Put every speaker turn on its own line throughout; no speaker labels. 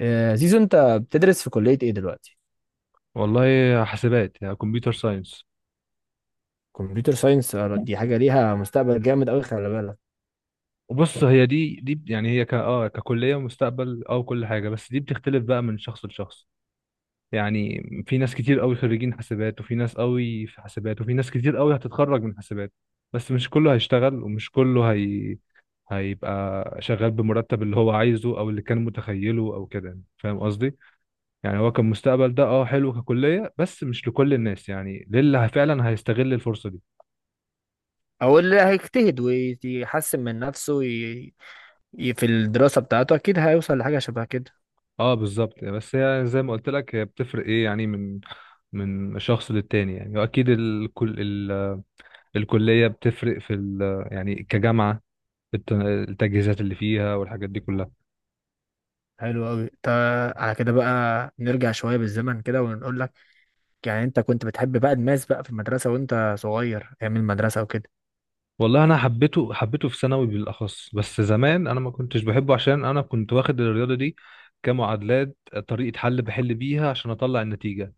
زيزو، انت بتدرس في كلية ايه دلوقتي؟
والله حاسبات، يعني كمبيوتر ساينس.
كمبيوتر ساينس. دي حاجة ليها مستقبل جامد قوي، خلي بالك.
وبص، هي دي يعني هي ك اه ككليه مستقبل، كل حاجه، بس دي بتختلف بقى من شخص لشخص. يعني في ناس كتير قوي خريجين حاسبات، وفي ناس قوي في حاسبات، وفي ناس كتير قوي هتتخرج من حاسبات. بس مش كله هيشتغل، ومش كله هيبقى شغال بمرتب اللي هو عايزه، او اللي كان متخيله او كده، يعني فاهم قصدي؟ يعني هو كان مستقبل ده، حلو ككليه، بس مش لكل الناس، يعني للي فعلا هيستغل الفرصه دي.
او اللي هيجتهد ويحسن من نفسه في الدراسة بتاعته اكيد هيوصل لحاجة شبه كده.
اه، بالظبط. بس هي زي ما قلت لك، هي بتفرق ايه يعني، من شخص للتاني. يعني واكيد الكل، الكليه بتفرق في يعني كجامعه. التجهيزات اللي فيها، والحاجات دي كلها.
حلو قوي. على كده بقى نرجع شوية بالزمن كده ونقول لك، يعني انت كنت بتحب بقى الماس بقى في المدرسة وانت صغير، ايام المدرسة وكده.
والله انا حبيته حبيته في ثانوي بالاخص. بس زمان انا ما كنتش بحبه، عشان انا كنت واخد الرياضه دي كمعادلات، طريقه بحل بيها عشان اطلع النتيجه.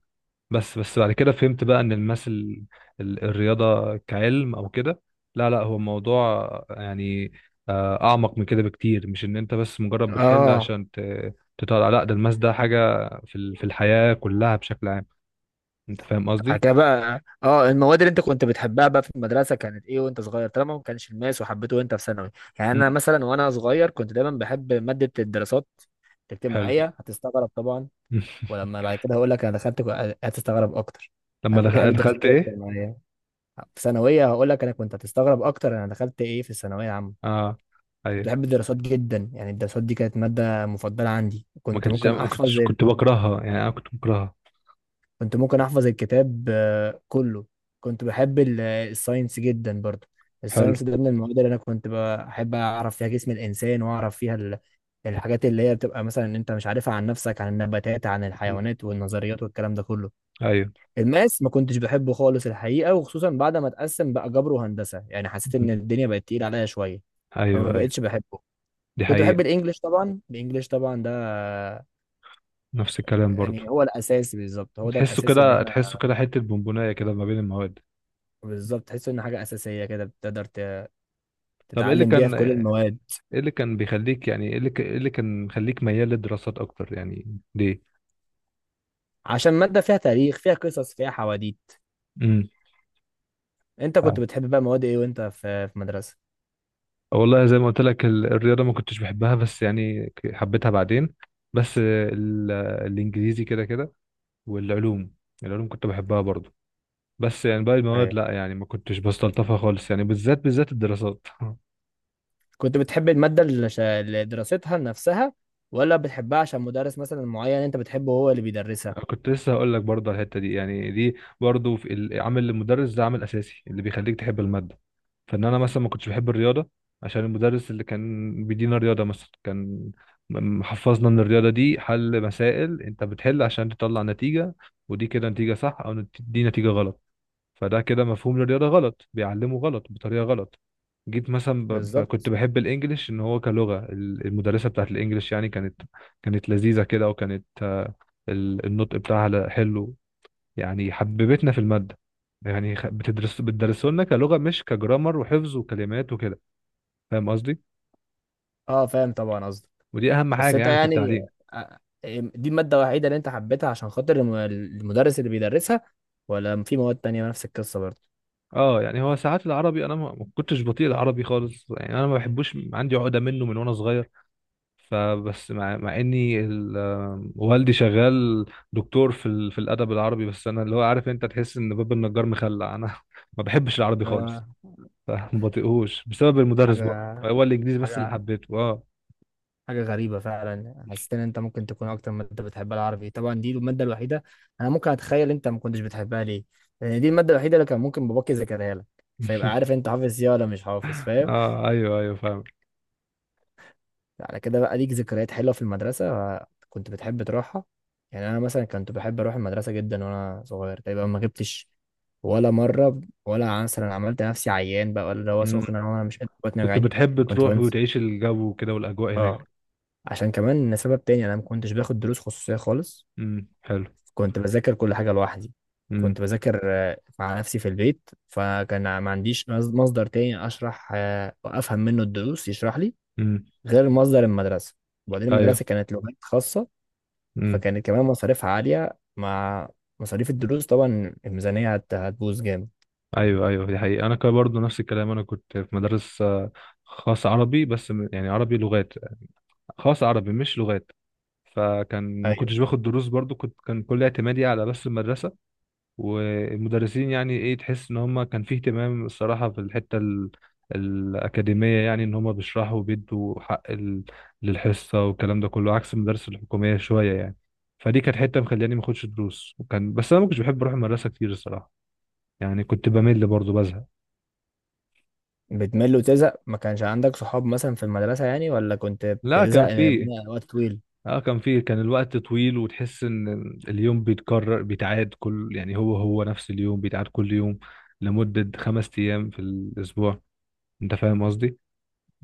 بس بعد كده فهمت بقى ان الرياضه كعلم او كده، لا لا، هو موضوع يعني اعمق من كده بكتير. مش ان انت بس مجرد بتحل
اه.
عشان تطلع، لا، ده الماس ده حاجه في الحياه كلها بشكل عام. انت فاهم
بعد
قصدي؟
كده بقى، اه، المواد اللي انت كنت بتحبها بقى في المدرسه كانت ايه وانت صغير، طالما ما كانش الماس وحبيته وانت في ثانوي؟ يعني انا
امم
مثلا وانا صغير كنت دايما بحب ماده الدراسات
حلو.
الاجتماعيه، هتستغرب طبعا.
مم.
ولما بعد كده هقول لك انا دخلت هتستغرب اكتر. انا
لما
كنت بحب الدراسات
دخلت ايه؟
الاجتماعيه في ثانويه، هقول لك انا كنت هتستغرب اكتر انا دخلت ايه في الثانويه العامه.
اه،
كنت
ايوه.
بحب الدراسات جدا، يعني الدراسات دي كانت ماده مفضله عندي،
ما
كنت
كنتش
ممكن
ما
احفظ،
كنتش كنت بكرهها، يعني انا كنت بكرهها.
كنت ممكن احفظ الكتاب كله. كنت بحب الساينس جدا برضو.
حلو.
الساينس ده من المواد اللي انا كنت بحب اعرف فيها جسم الانسان واعرف فيها الحاجات اللي هي بتبقى مثلا إن انت مش عارفها، عن نفسك، عن النباتات، عن
مم.
الحيوانات والنظريات والكلام ده كله.
ايوه.
الماس ما كنتش بحبه خالص الحقيقة، وخصوصا بعد ما اتقسم بقى جبر وهندسة، يعني حسيت
مم.
ان الدنيا بقت تقيلة عليا شوية، فما
ايوه، ايوه،
بقتش بحبه.
دي
كنت بحب
حقيقه.
الانجليش طبعا، الانجليش طبعا ده
نفس الكلام برضو.
يعني هو الاساس، بالظبط هو ده
تحسه
الاساس اللي
كده،
احنا.
تحسه كده حتة بونبوناية كده ما بين المواد.
بالظبط، تحس ان حاجه اساسيه كده بتقدر
طب
تتعلم بيها في كل
ايه
المواد.
اللي كان بيخليك، يعني إيه اللي كان مخليك ميال للدراسات اكتر؟ يعني ليه؟
عشان ماده فيها تاريخ، فيها قصص، فيها حواديت.
امم.
انت كنت
آه.
بتحب بقى مواد ايه وانت في مدرسه؟
والله زي ما قلت لك، الرياضة ما كنتش بحبها، بس يعني حبيتها بعدين. بس الانجليزي كده كده، والعلوم، العلوم كنت بحبها برضو. بس يعني باقي المواد
ايوه.
لا، يعني ما كنتش بستلطفها خالص، يعني بالذات بالذات الدراسات.
كنت بتحب الماده اللي اللي دراستها نفسها، ولا بتحبها عشان مدرس مثلا معين انت بتحبه هو اللي بيدرسها؟
كنت لسه هقول لك برضه على الحته دي. يعني دي برضه عامل المدرس ده عامل اساسي اللي بيخليك تحب الماده. فان انا مثلا ما كنتش بحب الرياضه، عشان المدرس اللي كان بيدينا الرياضه مثلا كان محفظنا ان الرياضه دي حل مسائل، انت بتحل عشان تطلع نتيجه. ودي كده نتيجه صح او دي نتيجه غلط. فده كده مفهوم للرياضة غلط، بيعلمه غلط بطريقة غلط. جيت مثلا كنت
بالظبط.
بحب الانجليش، ان هو كلغة، المدرسة بتاعت الانجليش يعني كانت لذيذة كده، وكانت النطق بتاعها حلو. يعني حببتنا في المادة. يعني بتدرسوا لنا كلغة، مش كجرامر وحفظ وكلمات وكده. فاهم قصدي؟
اه، فاهم طبعا قصدك.
ودي اهم
بس
حاجة
انت
يعني في
يعني،
التعليم.
آه، دي الماده الوحيده اللي انت حبيتها عشان خاطر المدرس اللي بيدرسها، ولا في مواد تانية نفس القصه برضه؟
اه. يعني هو ساعات العربي، انا ما كنتش بطيء العربي خالص، يعني انا ما بحبوش، عندي عقدة منه من وانا صغير. فبس مع اني والدي شغال دكتور في الادب العربي. بس انا، اللي هو عارف، انت تحس ان باب النجار مخلع، انا. ما بحبش العربي خالص،
آه،
فما بطيقهوش بسبب المدرس برضه.
حاجة
هو الانجليزي بس اللي
حاجة
حبيته، اه.
حاجة غريبة فعلا، حسيت ان انت ممكن تكون اكتر مادة بتحبها العربي. طبعا دي المادة الوحيدة انا ممكن اتخيل انت ما كنتش بتحبها ليه، لان دي المادة الوحيدة اللي كان ممكن باباك يذاكرها لك، فيبقى عارف انت حافظ ايه ولا مش حافظ، فاهم؟
اه، ايوه، ايوه، فاهم.
على كده بقى ليك ذكريات حلوة في المدرسة؟ كنت بتحب تروحها؟ يعني انا مثلا كنت بحب اروح المدرسة جدا وانا صغير، تقريبا ما جبتش ولا مرة، ولا مثلا عملت نفسي عيان بقى، ولا اللي هو
مم.
سخن انا وأنا مش قادر، بطني
كنت
وجعاني.
بتحب
كنت
تروح
بنسى.
وتعيش الجو وكده والاجواء هناك؟
اه. عشان كمان سبب تاني انا ما كنتش باخد دروس خصوصية خالص،
امم. حلو.
كنت بذاكر كل حاجة لوحدي.
امم.
كنت بذاكر مع نفسي في البيت، فكان ما عنديش مصدر تاني أشرح وأفهم منه الدروس، يشرح لي
امم.
غير مصدر المدرسة. وبعدين
ايوه.
المدرسة كانت لغات خاصة،
امم.
فكانت كمان مصاريفها عالية مع مصاريف الدروس، طبعا الميزانية هتبوظ جامد.
ايوه، ايوه، دي حقيقة. انا كان برضه نفس الكلام، انا كنت في مدرسة خاص عربي، بس يعني عربي لغات، خاص عربي مش لغات. فكان ما
أيوه.
كنتش باخد دروس برضو، كان كل اعتمادي على بس المدرسة والمدرسين. يعني ايه، تحس ان هم كان فيه اهتمام الصراحة في الحتة الأكاديمية، يعني ان هم بيشرحوا وبيدوا حق للحصة، والكلام ده كله عكس المدارس الحكومية شوية يعني. فدي كانت حتة مخلياني ما اخدش دروس، وكان بس انا ما كنتش بحب اروح المدرسة كتير الصراحة، يعني كنت بمل برضو، بزهق.
بتمل وتزهق، ما كانش عندك صحاب مثلا في المدرسة يعني، ولا كنت
لا، كان
بتزهق
فيه،
من وقت طويل؟
اه كان الوقت طويل. وتحس ان اليوم بيتكرر، بيتعاد كل، يعني هو نفس اليوم بيتعاد كل يوم لمدة 5 ايام في الاسبوع. انت فاهم قصدي؟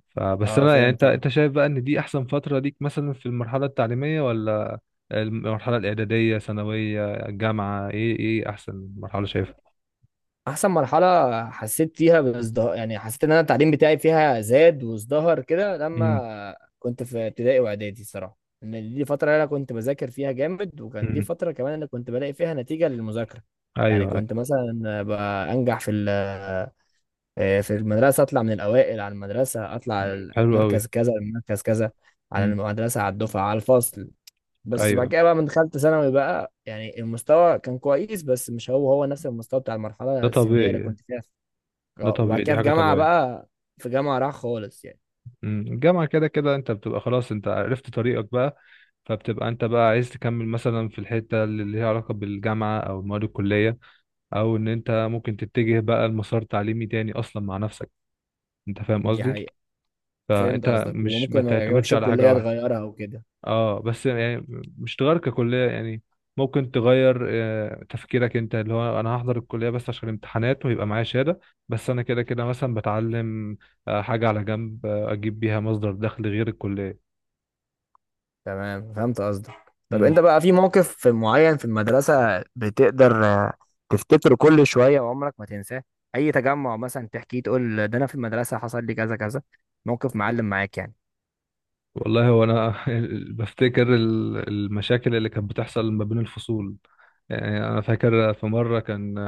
فبس
اه،
انا يعني،
فاهم
انت
طبعا.
انت شايف بقى ان دي احسن فترة ليك، مثلا في المرحلة التعليمية، ولا المرحلة الاعدادية، ثانوية، جامعة؟ ايه احسن مرحلة شايفها؟
احسن مرحله حسيت فيها بازدهار، يعني حسيت ان انا التعليم بتاعي فيها زاد وازدهر كده
امم.
لما كنت في ابتدائي واعدادي صراحه، ان دي فتره انا كنت بذاكر فيها جامد، وكانت دي
امم.
فتره كمان انا كنت بلاقي فيها نتيجه للمذاكره.
ايوه.
يعني
أيوة.
كنت مثلا بقى انجح في ال- آه، في المدرسه، اطلع من الاوائل على المدرسه، اطلع على
مم. حلو قوي.
المركز كذا المركز كذا، على
امم.
المدرسه، على الدفعه، على الفصل. بس بعد
ايوه.
كده بقى من دخلت ثانوي بقى يعني المستوى كان كويس، بس مش هو هو نفس المستوى بتاع
ده
المرحلة السنية اللي
طبيعي.
كنت فيها.
ده
وبعد
طبيعي، دي
كده في
حاجة
جامعة
طبيعية.
بقى، في جامعة راح خالص يعني.
مم. الجامعة كده كده انت بتبقى، خلاص انت عرفت طريقك بقى. فبتبقى انت بقى عايز تكمل مثلا في الحتة اللي ليها علاقة بالجامعة او المواد الكلية، او ان انت ممكن تتجه بقى لمسار تعليمي تاني اصلا مع نفسك. انت فاهم
دي
قصدي؟
حقيقة. فهمت
فانت
قصدك،
مش ما
وممكن ما
تعتمدش
يعجبكش
على حاجة
الكلية
واحدة.
تغيرها وكده.
اه، بس يعني مش تغير ككلية، يعني ممكن تغير تفكيرك، انت اللي هو انا هحضر الكلية بس عشان الامتحانات ويبقى معايا شهادة. بس انا كده كده مثلا بتعلم حاجة على جنب، اجيب بيها مصدر دخل غير الكلية.
تمام، فهمت قصدك. طب انت بقى في موقف معين في المدرسة بتقدر تفتكره كل شوية وعمرك ما تنساه؟ أي تجمع مثلا تحكيه تقول، ده أنا في المدرسة حصل لي كذا كذا، موقف معلم معاك يعني؟
والله هو انا بفتكر المشاكل اللي كانت بتحصل ما بين الفصول. يعني انا فاكر في مره كان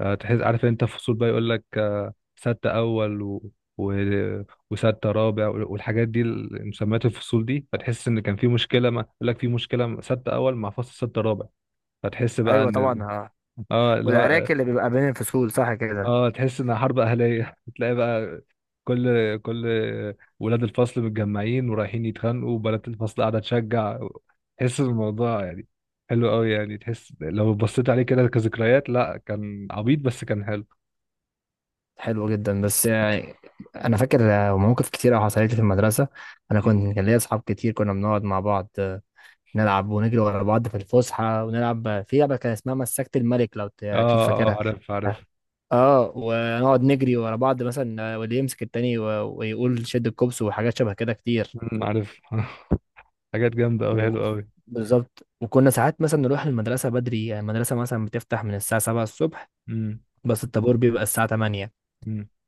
تحس، عارف انت فصول بقى، يقول لك ستة اول و... وستة رابع والحاجات دي مسميات الفصول دي. فتحس ان كان في مشكله، ما يقول لك في مشكله ستة اول مع فصل ستة رابع، فتحس بقى
أيوة
ان ال...
طبعا، آه.
اه.
والعراك
لا.
اللي بيبقى بين الفصول صح كده.
اه، تحس انها حرب اهليه. تلاقي بقى كل ولاد الفصل متجمعين ورايحين يتخانقوا، وبنات الفصل قاعده تشجع. تحس الموضوع يعني حلو قوي. يعني تحس لو بصيت عليه كده كذكريات، لا كان عبيط بس كان حلو.
حلو جدا، بس يعني انا فاكر مواقف كتير حصلت لي في المدرسه. انا
مم.
كنت، كان ليا اصحاب كتير، كنا بنقعد مع بعض نلعب ونجري ورا بعض في الفسحه، ونلعب في لعبه كان اسمها مسكت الملك، لو اكيد
اه، اه،
فاكرها.
عارف، عارف،
اه ونقعد نجري ورا بعض مثلا، واللي يمسك التاني ويقول شد الكوبس، وحاجات شبه كده كتير.
مم، عارف. حاجات جامده قوي، حلو
و-
قوي.
بالظبط، وكنا ساعات مثلا نروح المدرسه بدري، يعني المدرسه مثلا بتفتح من الساعه 7 الصبح،
امم.
بس الطابور بيبقى الساعه 8.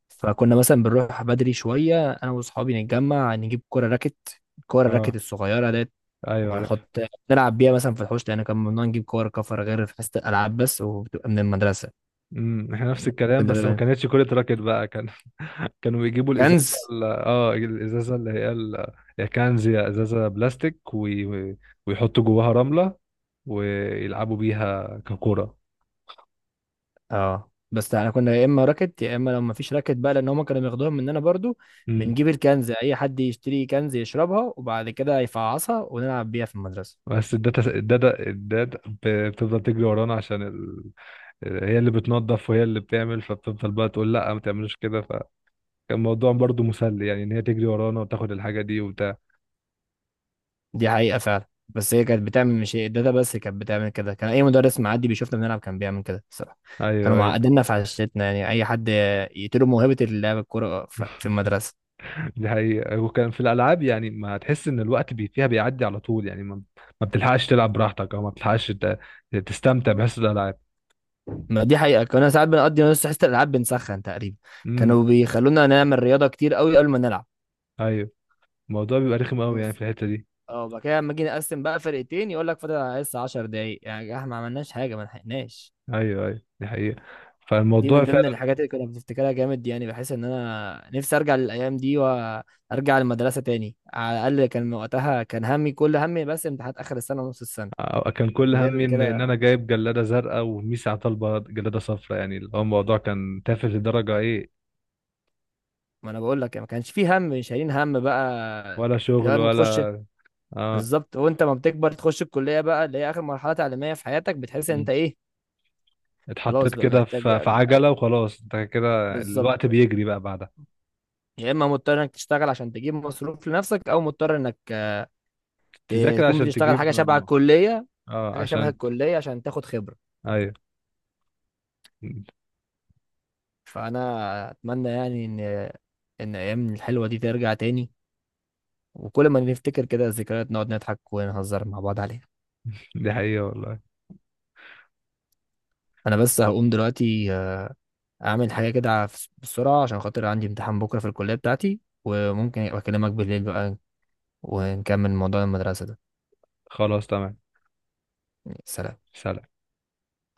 فكنا مثلا بنروح بدري شوية أنا وأصحابي، نتجمع، نجيب كورة راكت، الكورة الراكت
اه.
الصغيرة ديت،
ايوه، عارف.
ونحط نلعب بيها مثلا في الحوش، لأن كان ممنوع نجيب كور كفر غير في حصة الألعاب بس وبتبقى من المدرسة.
امم. احنا نفس الكلام،
كنا
بس ما
بيبقى
كانتش كرة راكت بقى، كان. كانوا بيجيبوا الازازه،
كنز.
الازازه اللي هي هي كان زي ازازه بلاستيك ويحطوا جواها رمله، ويلعبوا بيها ككرة.
اه، بس احنا كنا يا اما راكت يا اما لو ما فيش راكت بقى لان هم كانوا بياخدوها مننا برضو،
امم.
بنجيب الكنز، اي حد يشتري كنز يشربها وبعد كده يفعصها ونلعب بيها في المدرسة.
بس الداتا بتفضل تجري ورانا عشان هي اللي بتنظف وهي اللي بتعمل، فبتفضل بقى تقول لا ما تعملوش كده. فكان الموضوع برضو مسلي، يعني ان هي تجري ورانا وتاخد الحاجه دي وبتاع.
دي حقيقة فعلا. بس هي كانت بتعمل، مش الداتا بس كانت بتعمل كده، كان أي مدرس معدي بيشوفنا بنلعب كان بيعمل كده الصراحة. كانوا
ايوه، ايوه،
معقديننا في عشتنا يعني، أي حد يقتلوا موهبة اللعب الكورة في المدرسة.
دي حقيقة. وكان في الألعاب يعني، ما تحس إن الوقت فيها بيعدي على طول، يعني ما بتلحقش تلعب براحتك، أو ما بتلحقش تستمتع بحس الألعاب.
ما دي حقيقة، كنا ساعات بنقضي نص حصة الألعاب بنسخن تقريبا،
امم.
كانوا بيخلونا نعمل رياضة كتير قوي قبل ما نلعب.
أيوه. الموضوع بيبقى رخم أوي يعني
بص،
في الحتة دي.
اه وبعد كده لما جينا نقسم بقى فرقتين يقول لك فاضل على الحصة 10 دقايق، يعني يا جماعة، احنا ما عملناش حاجة ما لحقناش.
أيوه، أيوه، دي حقيقة.
دي
فالموضوع
من ضمن
فعلا
الحاجات اللي كنا بنفتكرها جامد، يعني بحس ان انا نفسي ارجع للايام دي وارجع المدرسه تاني، على الاقل كان وقتها كان همي، كل همي بس امتحانات اخر السنه ونص السنه،
كان كل
غير
همي إن أنا
كده،
جايب جلادة زرقاء، وميسي على طلبة جلادة صفراء. يعني اللي هو الموضوع كان تافه لدرجة إيه.
ما انا بقول لك ما كانش فيه هم شايلين هم بقى.
ولا شغل
لما تخش،
ولا. آه.
بالظبط، وانت ما بتكبر تخش الكليه بقى اللي هي اخر مرحله تعليميه في حياتك، بتحس ان
مم.
انت ايه؟ خلاص
اتحطيت
بقى
كده
محتاج،
في عجلة، وخلاص أنت كده
بالظبط،
الوقت بيجري بقى بعدها.
يا اما مضطر انك تشتغل عشان تجيب مصروف لنفسك، او مضطر انك
تذاكر
تكون
عشان
بتشتغل
تجيب
حاجه شبه
مجموع.
الكليه،
اه.
حاجه شبه الكليه عشان تاخد خبره.
ايوه.
فانا اتمنى يعني ان ايام الحلوه دي ترجع تاني، وكل ما نفتكر كده الذكريات نقعد نضحك ونهزر مع بعض عليها.
دي حقيقة والله.
انا بس هقوم دلوقتي اعمل حاجه كده بسرعه عشان خاطر عندي امتحان بكره في الكليه بتاعتي، وممكن ابقى اكلمك بالليل بقى ونكمل موضوع المدرسه ده.
خلاص، تمام.
سلام.
سلام.